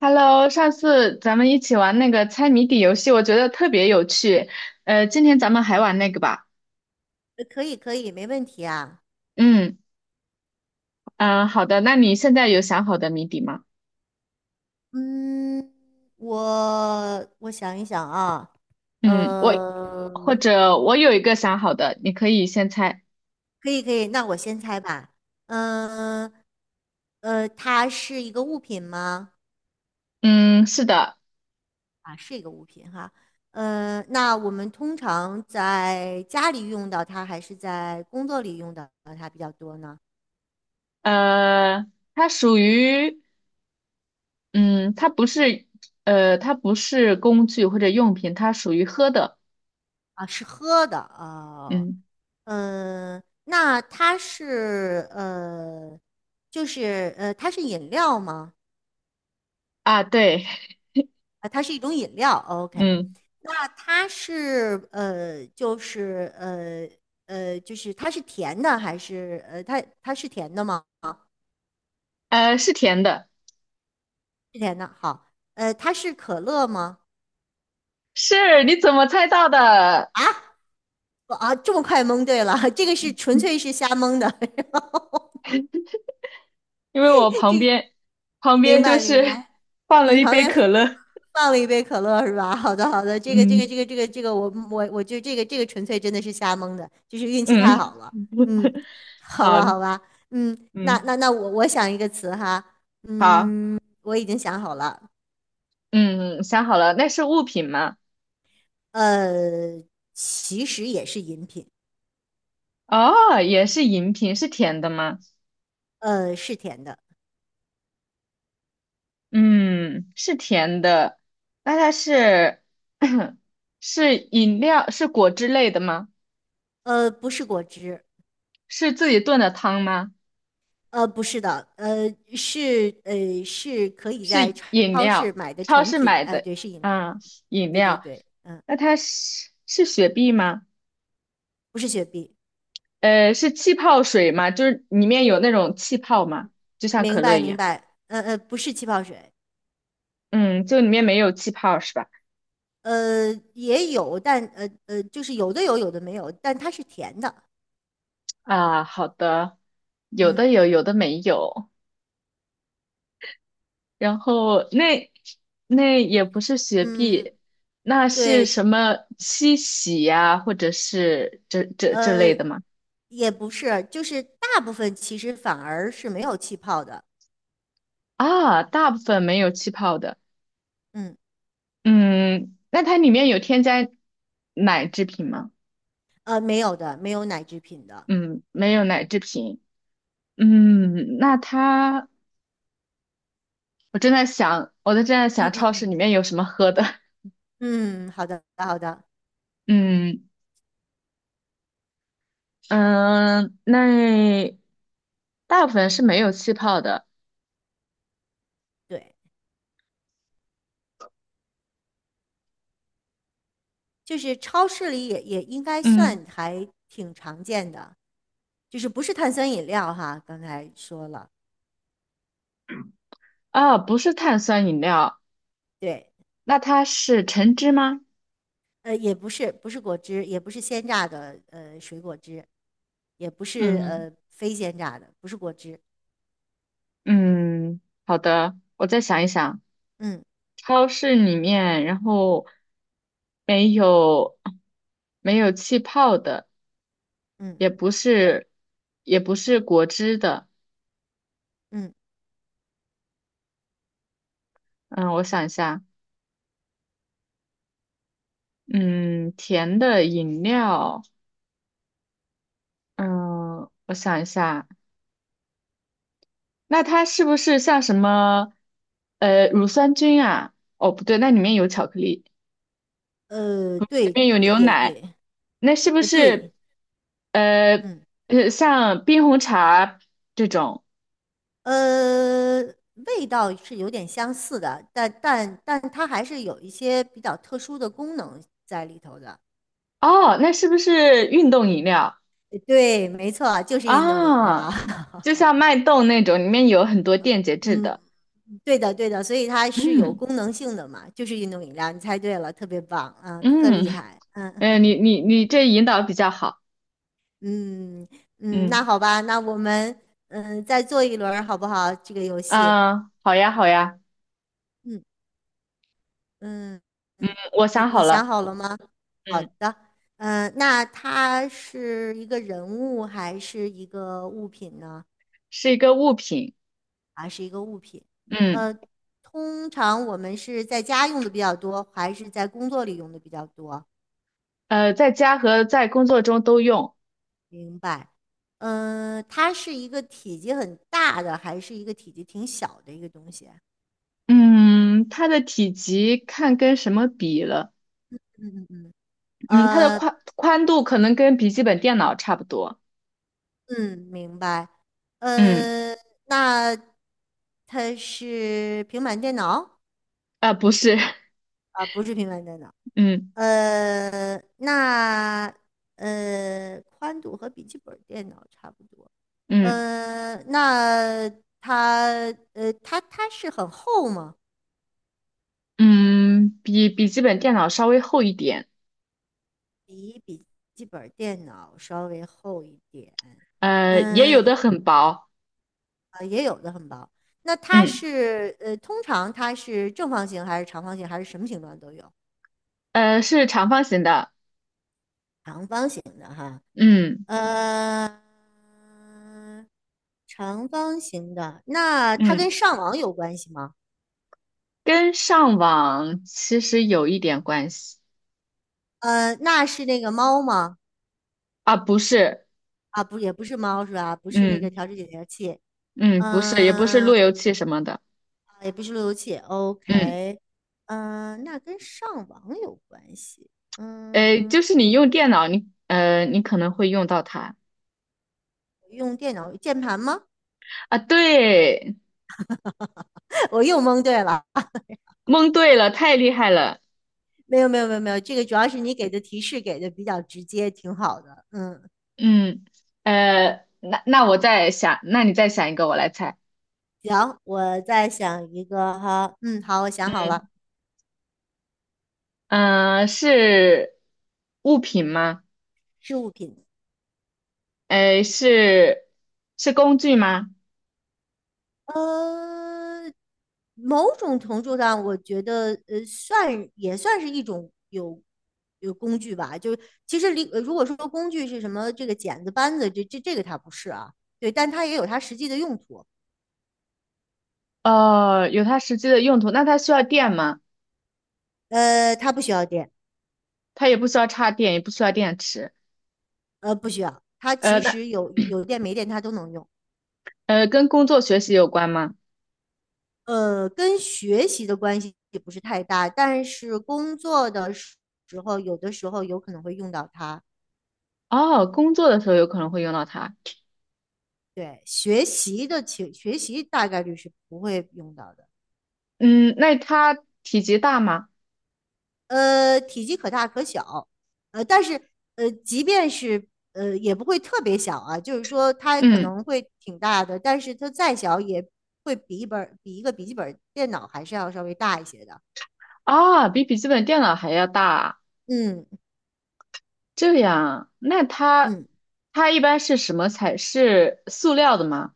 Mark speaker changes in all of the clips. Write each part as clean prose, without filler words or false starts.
Speaker 1: Hello，上次咱们一起玩那个猜谜底游戏，我觉得特别有趣。今天咱们还玩那个吧。
Speaker 2: 可以，可以，没问题啊。
Speaker 1: 嗯嗯，好的。那你现在有想好的谜底吗？
Speaker 2: 嗯，我想一想啊，
Speaker 1: 嗯，我或
Speaker 2: 嗯，
Speaker 1: 者我有一个想好的，你可以先猜。
Speaker 2: 可以，可以。那我先猜吧。嗯，它是一个物品吗？
Speaker 1: 嗯，是的。
Speaker 2: 啊，是一个物品哈。嗯，那我们通常在家里用到它，还是在工作里用到它比较多呢？
Speaker 1: 呃，它属于嗯，它不是呃，它不是工具或者用品，它属于喝的。
Speaker 2: 啊，是喝的啊。
Speaker 1: 嗯
Speaker 2: 嗯，那它是呃，就是呃，它是饮料吗？
Speaker 1: 啊，对，
Speaker 2: 啊，它是一种饮料。OK，
Speaker 1: 嗯
Speaker 2: 那它是呃，就是呃呃，就是它是甜的还是它是甜的吗？
Speaker 1: 是甜的。
Speaker 2: 是甜的。好，它是可乐吗？
Speaker 1: 是，你怎么猜到的？
Speaker 2: 啊，这么快蒙对了，这个是纯粹是瞎蒙的。
Speaker 1: 因为我旁
Speaker 2: 这个
Speaker 1: 边
Speaker 2: 明
Speaker 1: 就
Speaker 2: 白明
Speaker 1: 是
Speaker 2: 白。
Speaker 1: 放了
Speaker 2: 你
Speaker 1: 一
Speaker 2: 旁
Speaker 1: 杯
Speaker 2: 边
Speaker 1: 可乐，
Speaker 2: 放了一杯可乐是吧？好的，好的，
Speaker 1: 嗯
Speaker 2: 我就这个纯粹真的是瞎蒙的，就是运气太
Speaker 1: 嗯，
Speaker 2: 好了。嗯，好吧，
Speaker 1: 好，
Speaker 2: 好吧，嗯，那
Speaker 1: 嗯，
Speaker 2: 那那我想一个词哈，
Speaker 1: 好。
Speaker 2: 嗯，我已经想好了，
Speaker 1: 嗯，想好了，那是物品吗？
Speaker 2: 呃，其实也是饮品，
Speaker 1: 哦，也是饮品，是甜的吗？
Speaker 2: 是甜的，
Speaker 1: 嗯，是甜的，那它是 是饮料，是果汁类的吗？
Speaker 2: 不是果汁，
Speaker 1: 是自己炖的汤吗？
Speaker 2: 不是的，是可以在
Speaker 1: 是饮
Speaker 2: 超市
Speaker 1: 料，
Speaker 2: 买的
Speaker 1: 超
Speaker 2: 成
Speaker 1: 市
Speaker 2: 品，
Speaker 1: 买
Speaker 2: 哎、
Speaker 1: 的，
Speaker 2: 对，是饮料，
Speaker 1: 啊，饮
Speaker 2: 对对
Speaker 1: 料，
Speaker 2: 对，嗯，
Speaker 1: 那它是雪碧吗？
Speaker 2: 不是雪碧。
Speaker 1: 是气泡水吗？就是里面有那种气泡吗？就像可
Speaker 2: 明
Speaker 1: 乐
Speaker 2: 白
Speaker 1: 一
Speaker 2: 明
Speaker 1: 样。
Speaker 2: 白，不是气泡水，
Speaker 1: 嗯，就里面没有气泡是吧？
Speaker 2: 呃也有，但就是有的有，有的没有，但它是甜的，
Speaker 1: 啊，好的，有的
Speaker 2: 嗯
Speaker 1: 有，有的没有。然后那也不是雪碧，
Speaker 2: 嗯，
Speaker 1: 那是
Speaker 2: 对，
Speaker 1: 什么七喜呀、或者是这类
Speaker 2: 呃
Speaker 1: 的吗？
Speaker 2: 也不是，就是大部分其实反而是没有气泡的，
Speaker 1: 啊，大部分没有气泡的。
Speaker 2: 嗯
Speaker 1: 嗯，那它里面有添加奶制品吗？
Speaker 2: 没有的，没有奶制品的，
Speaker 1: 嗯，没有奶制品。嗯，那它我正在想，我正在想
Speaker 2: 嗯嗯
Speaker 1: 超市里
Speaker 2: 嗯
Speaker 1: 面有什么喝的。
Speaker 2: 嗯，好的好的，
Speaker 1: 嗯嗯，那大部分是没有气泡的。
Speaker 2: 对，就是超市里也应该
Speaker 1: 嗯
Speaker 2: 算还挺常见的，就是不是碳酸饮料哈，刚才说了，
Speaker 1: 啊，不是碳酸饮料，
Speaker 2: 对。
Speaker 1: 那它是橙汁吗？
Speaker 2: 也不是，不是果汁，也不是鲜榨的，水果汁，也不是
Speaker 1: 嗯
Speaker 2: 呃非鲜榨的，不是果汁。
Speaker 1: 嗯，好的，我再想一想，
Speaker 2: 嗯
Speaker 1: 超市里面，然后没有没有气泡的，
Speaker 2: 嗯
Speaker 1: 也不是也不是果汁的。
Speaker 2: 嗯，
Speaker 1: 嗯，我想一下，嗯，甜的饮料。嗯，我想一下，那它是不是像什么，乳酸菌啊？哦，不对，那里面有巧克力，里
Speaker 2: 对，
Speaker 1: 面有
Speaker 2: 也
Speaker 1: 牛
Speaker 2: 也
Speaker 1: 奶，
Speaker 2: 也，
Speaker 1: 那是不
Speaker 2: 呃，对，
Speaker 1: 是，呃，
Speaker 2: 嗯
Speaker 1: 像冰红茶这种？
Speaker 2: 呃，味道是有点相似的，但它还是有一些比较特殊的功能在里头的。
Speaker 1: 哦，那是不是运动饮料
Speaker 2: 对，没错，就是运动饮
Speaker 1: 啊？
Speaker 2: 料。
Speaker 1: 就像脉动那种，里面有很多电解质
Speaker 2: 嗯，
Speaker 1: 的。
Speaker 2: 对的，对的，所以它是有
Speaker 1: 嗯
Speaker 2: 功能性的嘛，就是运动饮料，你猜对了，特别棒啊，特
Speaker 1: 嗯，
Speaker 2: 厉害，嗯。
Speaker 1: 你这引导比较好。
Speaker 2: 嗯嗯，那
Speaker 1: 嗯
Speaker 2: 好吧，那我们嗯再做一轮儿好不好？这个游戏，
Speaker 1: 啊，好呀好呀，
Speaker 2: 嗯嗯
Speaker 1: 嗯
Speaker 2: 嗯，
Speaker 1: 我
Speaker 2: 你
Speaker 1: 想
Speaker 2: 你
Speaker 1: 好
Speaker 2: 想
Speaker 1: 了。
Speaker 2: 好了吗？好
Speaker 1: 嗯。
Speaker 2: 的，嗯，那它是一个人物还是一个物品呢？
Speaker 1: 是一个物品，
Speaker 2: 啊，是一个物品？
Speaker 1: 嗯，
Speaker 2: 呃，通常我们是在家用的比较多，还是在工作里用的比较多？
Speaker 1: 在家和在工作中都用，
Speaker 2: 明白。嗯，它是一个体积很大的，还是一个体积挺小的一个东西？
Speaker 1: 嗯，它的体积看跟什么比了，
Speaker 2: 嗯嗯嗯。
Speaker 1: 嗯，它的
Speaker 2: 呃，
Speaker 1: 宽度可能跟笔记本电脑差不多，
Speaker 2: 嗯，明白。
Speaker 1: 嗯，
Speaker 2: 呃，那它是平板电脑。
Speaker 1: 啊、不是，
Speaker 2: 啊，不是平板电脑。
Speaker 1: 嗯
Speaker 2: 呃，那宽度和笔记本电脑差不多。
Speaker 1: 嗯
Speaker 2: 呃，那它它是很厚吗？
Speaker 1: 嗯，比笔记本电脑稍微厚一点，
Speaker 2: 比笔记本电脑稍微厚一点。
Speaker 1: 也有的
Speaker 2: 嗯，
Speaker 1: 很薄，
Speaker 2: 呃也有的很薄。那它
Speaker 1: 嗯，
Speaker 2: 是通常它是正方形还是长方形还是什么形状都有？
Speaker 1: 是长方形的，
Speaker 2: 长方形的哈，
Speaker 1: 嗯
Speaker 2: 呃，长方形的，那它
Speaker 1: 嗯，
Speaker 2: 跟上网有关系吗？
Speaker 1: 跟上网其实有一点关系，
Speaker 2: 那是那个猫吗？
Speaker 1: 啊，不是，
Speaker 2: 啊，不，也不是猫是吧？不是那个
Speaker 1: 嗯
Speaker 2: 调制解调器，
Speaker 1: 嗯，不是，也不是路
Speaker 2: 嗯、
Speaker 1: 由器什么的。
Speaker 2: 也不是路由器。
Speaker 1: 嗯，
Speaker 2: OK，那跟上网有关系。嗯，
Speaker 1: 就是你用电脑，你可能会用到它
Speaker 2: 用电脑键盘吗？
Speaker 1: 啊。对，
Speaker 2: 我又蒙对了。
Speaker 1: 蒙对了，太厉害了。
Speaker 2: 没有没有没有没有，这个主要是你给的提示给的比较直接，挺好的。嗯
Speaker 1: 嗯，那我再想，那你再想一个，我来猜。
Speaker 2: 行，我再想一个哈，嗯，好，我想好了，
Speaker 1: 嗯，是物品吗？
Speaker 2: 是物品。
Speaker 1: 呃，是是工具吗？
Speaker 2: 呃，某种程度上，我觉得算也算是一种有工具吧。就是其实离呃如果说工具是什么，这个剪子、扳子，这个它不是啊，对，但它也有它实际的用途。
Speaker 1: 哦，有它实际的用途。那它需要电吗？
Speaker 2: 它不需要电，
Speaker 1: 它也不需要插电，也不需要电池。
Speaker 2: 呃，不需要，它其
Speaker 1: 那
Speaker 2: 实有电没电它都能用。
Speaker 1: 跟工作学习有关吗？
Speaker 2: 跟学习的关系也不是太大，但是工作的时候，有的时候有可能会用到它。
Speaker 1: 哦，工作的时候有可能会用到它。
Speaker 2: 对，学习大概率是不会用到的。
Speaker 1: 嗯，那它体积大吗？
Speaker 2: 体积可大可小，但是即便是也不会特别小啊，就是说它可
Speaker 1: 嗯，
Speaker 2: 能会挺大的，但是它再小也会比一个笔记本电脑还是要稍微大一些的。
Speaker 1: 啊，比笔记本电脑还要大啊。
Speaker 2: 嗯
Speaker 1: 这样，那它
Speaker 2: 嗯。
Speaker 1: 它一般是什么材？是塑料的吗？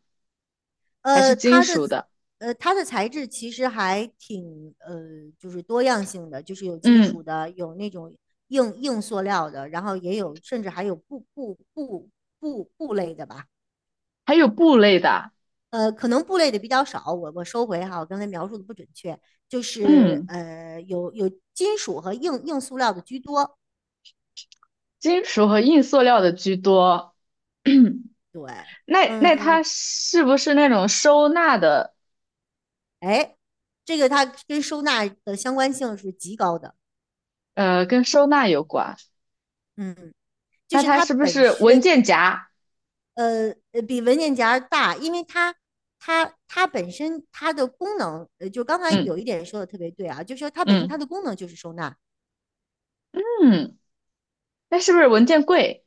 Speaker 1: 还是
Speaker 2: 呃，
Speaker 1: 金
Speaker 2: 它的
Speaker 1: 属的？
Speaker 2: 它的材质其实还挺就是多样性的，就是有金属
Speaker 1: 嗯，
Speaker 2: 的，有那种硬塑料的，然后也有甚至还有布类的吧。
Speaker 1: 还有布类的啊，
Speaker 2: 可能布类的比较少，我收回哈，我刚才描述的不准确，就是
Speaker 1: 嗯，
Speaker 2: 呃有有金属和硬塑料的居多。
Speaker 1: 金属和硬塑料的居多。
Speaker 2: 对，
Speaker 1: 那
Speaker 2: 嗯，
Speaker 1: 它是不是那种收纳的？
Speaker 2: 哎，这个它跟收纳的相关性是极高的，
Speaker 1: 跟收纳有关。
Speaker 2: 嗯，就
Speaker 1: 那
Speaker 2: 是
Speaker 1: 它
Speaker 2: 它
Speaker 1: 是不
Speaker 2: 本
Speaker 1: 是文
Speaker 2: 身。
Speaker 1: 件夹？
Speaker 2: 呃比文件夹大，因为它本身它的功能，就刚才
Speaker 1: 嗯
Speaker 2: 有一点说的特别对啊，就是说它本身它
Speaker 1: 嗯
Speaker 2: 的功能就是收纳，
Speaker 1: 嗯，那是不是文件柜？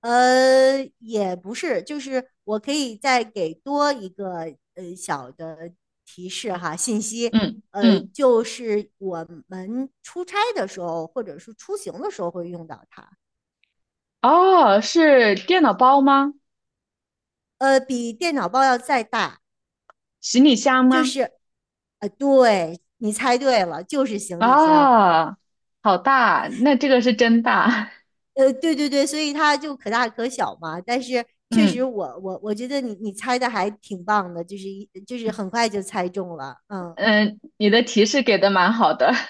Speaker 2: 也不是，就是我可以再给多一个小的提示哈，信息，
Speaker 1: 嗯嗯。
Speaker 2: 就是我们出差的时候或者是出行的时候会用到它，
Speaker 1: 哦，是电脑包吗？
Speaker 2: 比电脑包要再大，
Speaker 1: 行李箱
Speaker 2: 就
Speaker 1: 吗？
Speaker 2: 是，对，你猜对了，就是行李箱。
Speaker 1: 啊，好大，那这个是真大。
Speaker 2: 对对对，所以它就可大可小嘛。但是 确实
Speaker 1: 嗯
Speaker 2: 我觉得你你猜的还挺棒的，就是一就是很快就猜中了。嗯，
Speaker 1: 嗯，你的提示给的蛮好的。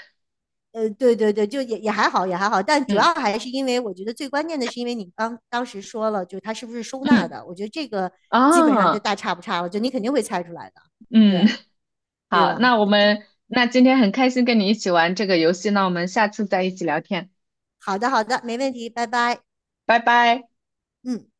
Speaker 2: 对对对，就也还好，也还好。但主
Speaker 1: 嗯
Speaker 2: 要还是因为我觉得最关键的是，因为你刚当时说了，就是它是不是收纳
Speaker 1: 嗯
Speaker 2: 的，我觉得这个基本上就
Speaker 1: 啊
Speaker 2: 大差不差了，就你肯定会猜出来的，
Speaker 1: 嗯，
Speaker 2: 对 对
Speaker 1: 好，
Speaker 2: 吧？
Speaker 1: 那我们那今天很开心跟你一起玩这个游戏，那我们下次再一起聊天，
Speaker 2: 好的好的，没问题，拜拜。
Speaker 1: 拜拜。
Speaker 2: 嗯。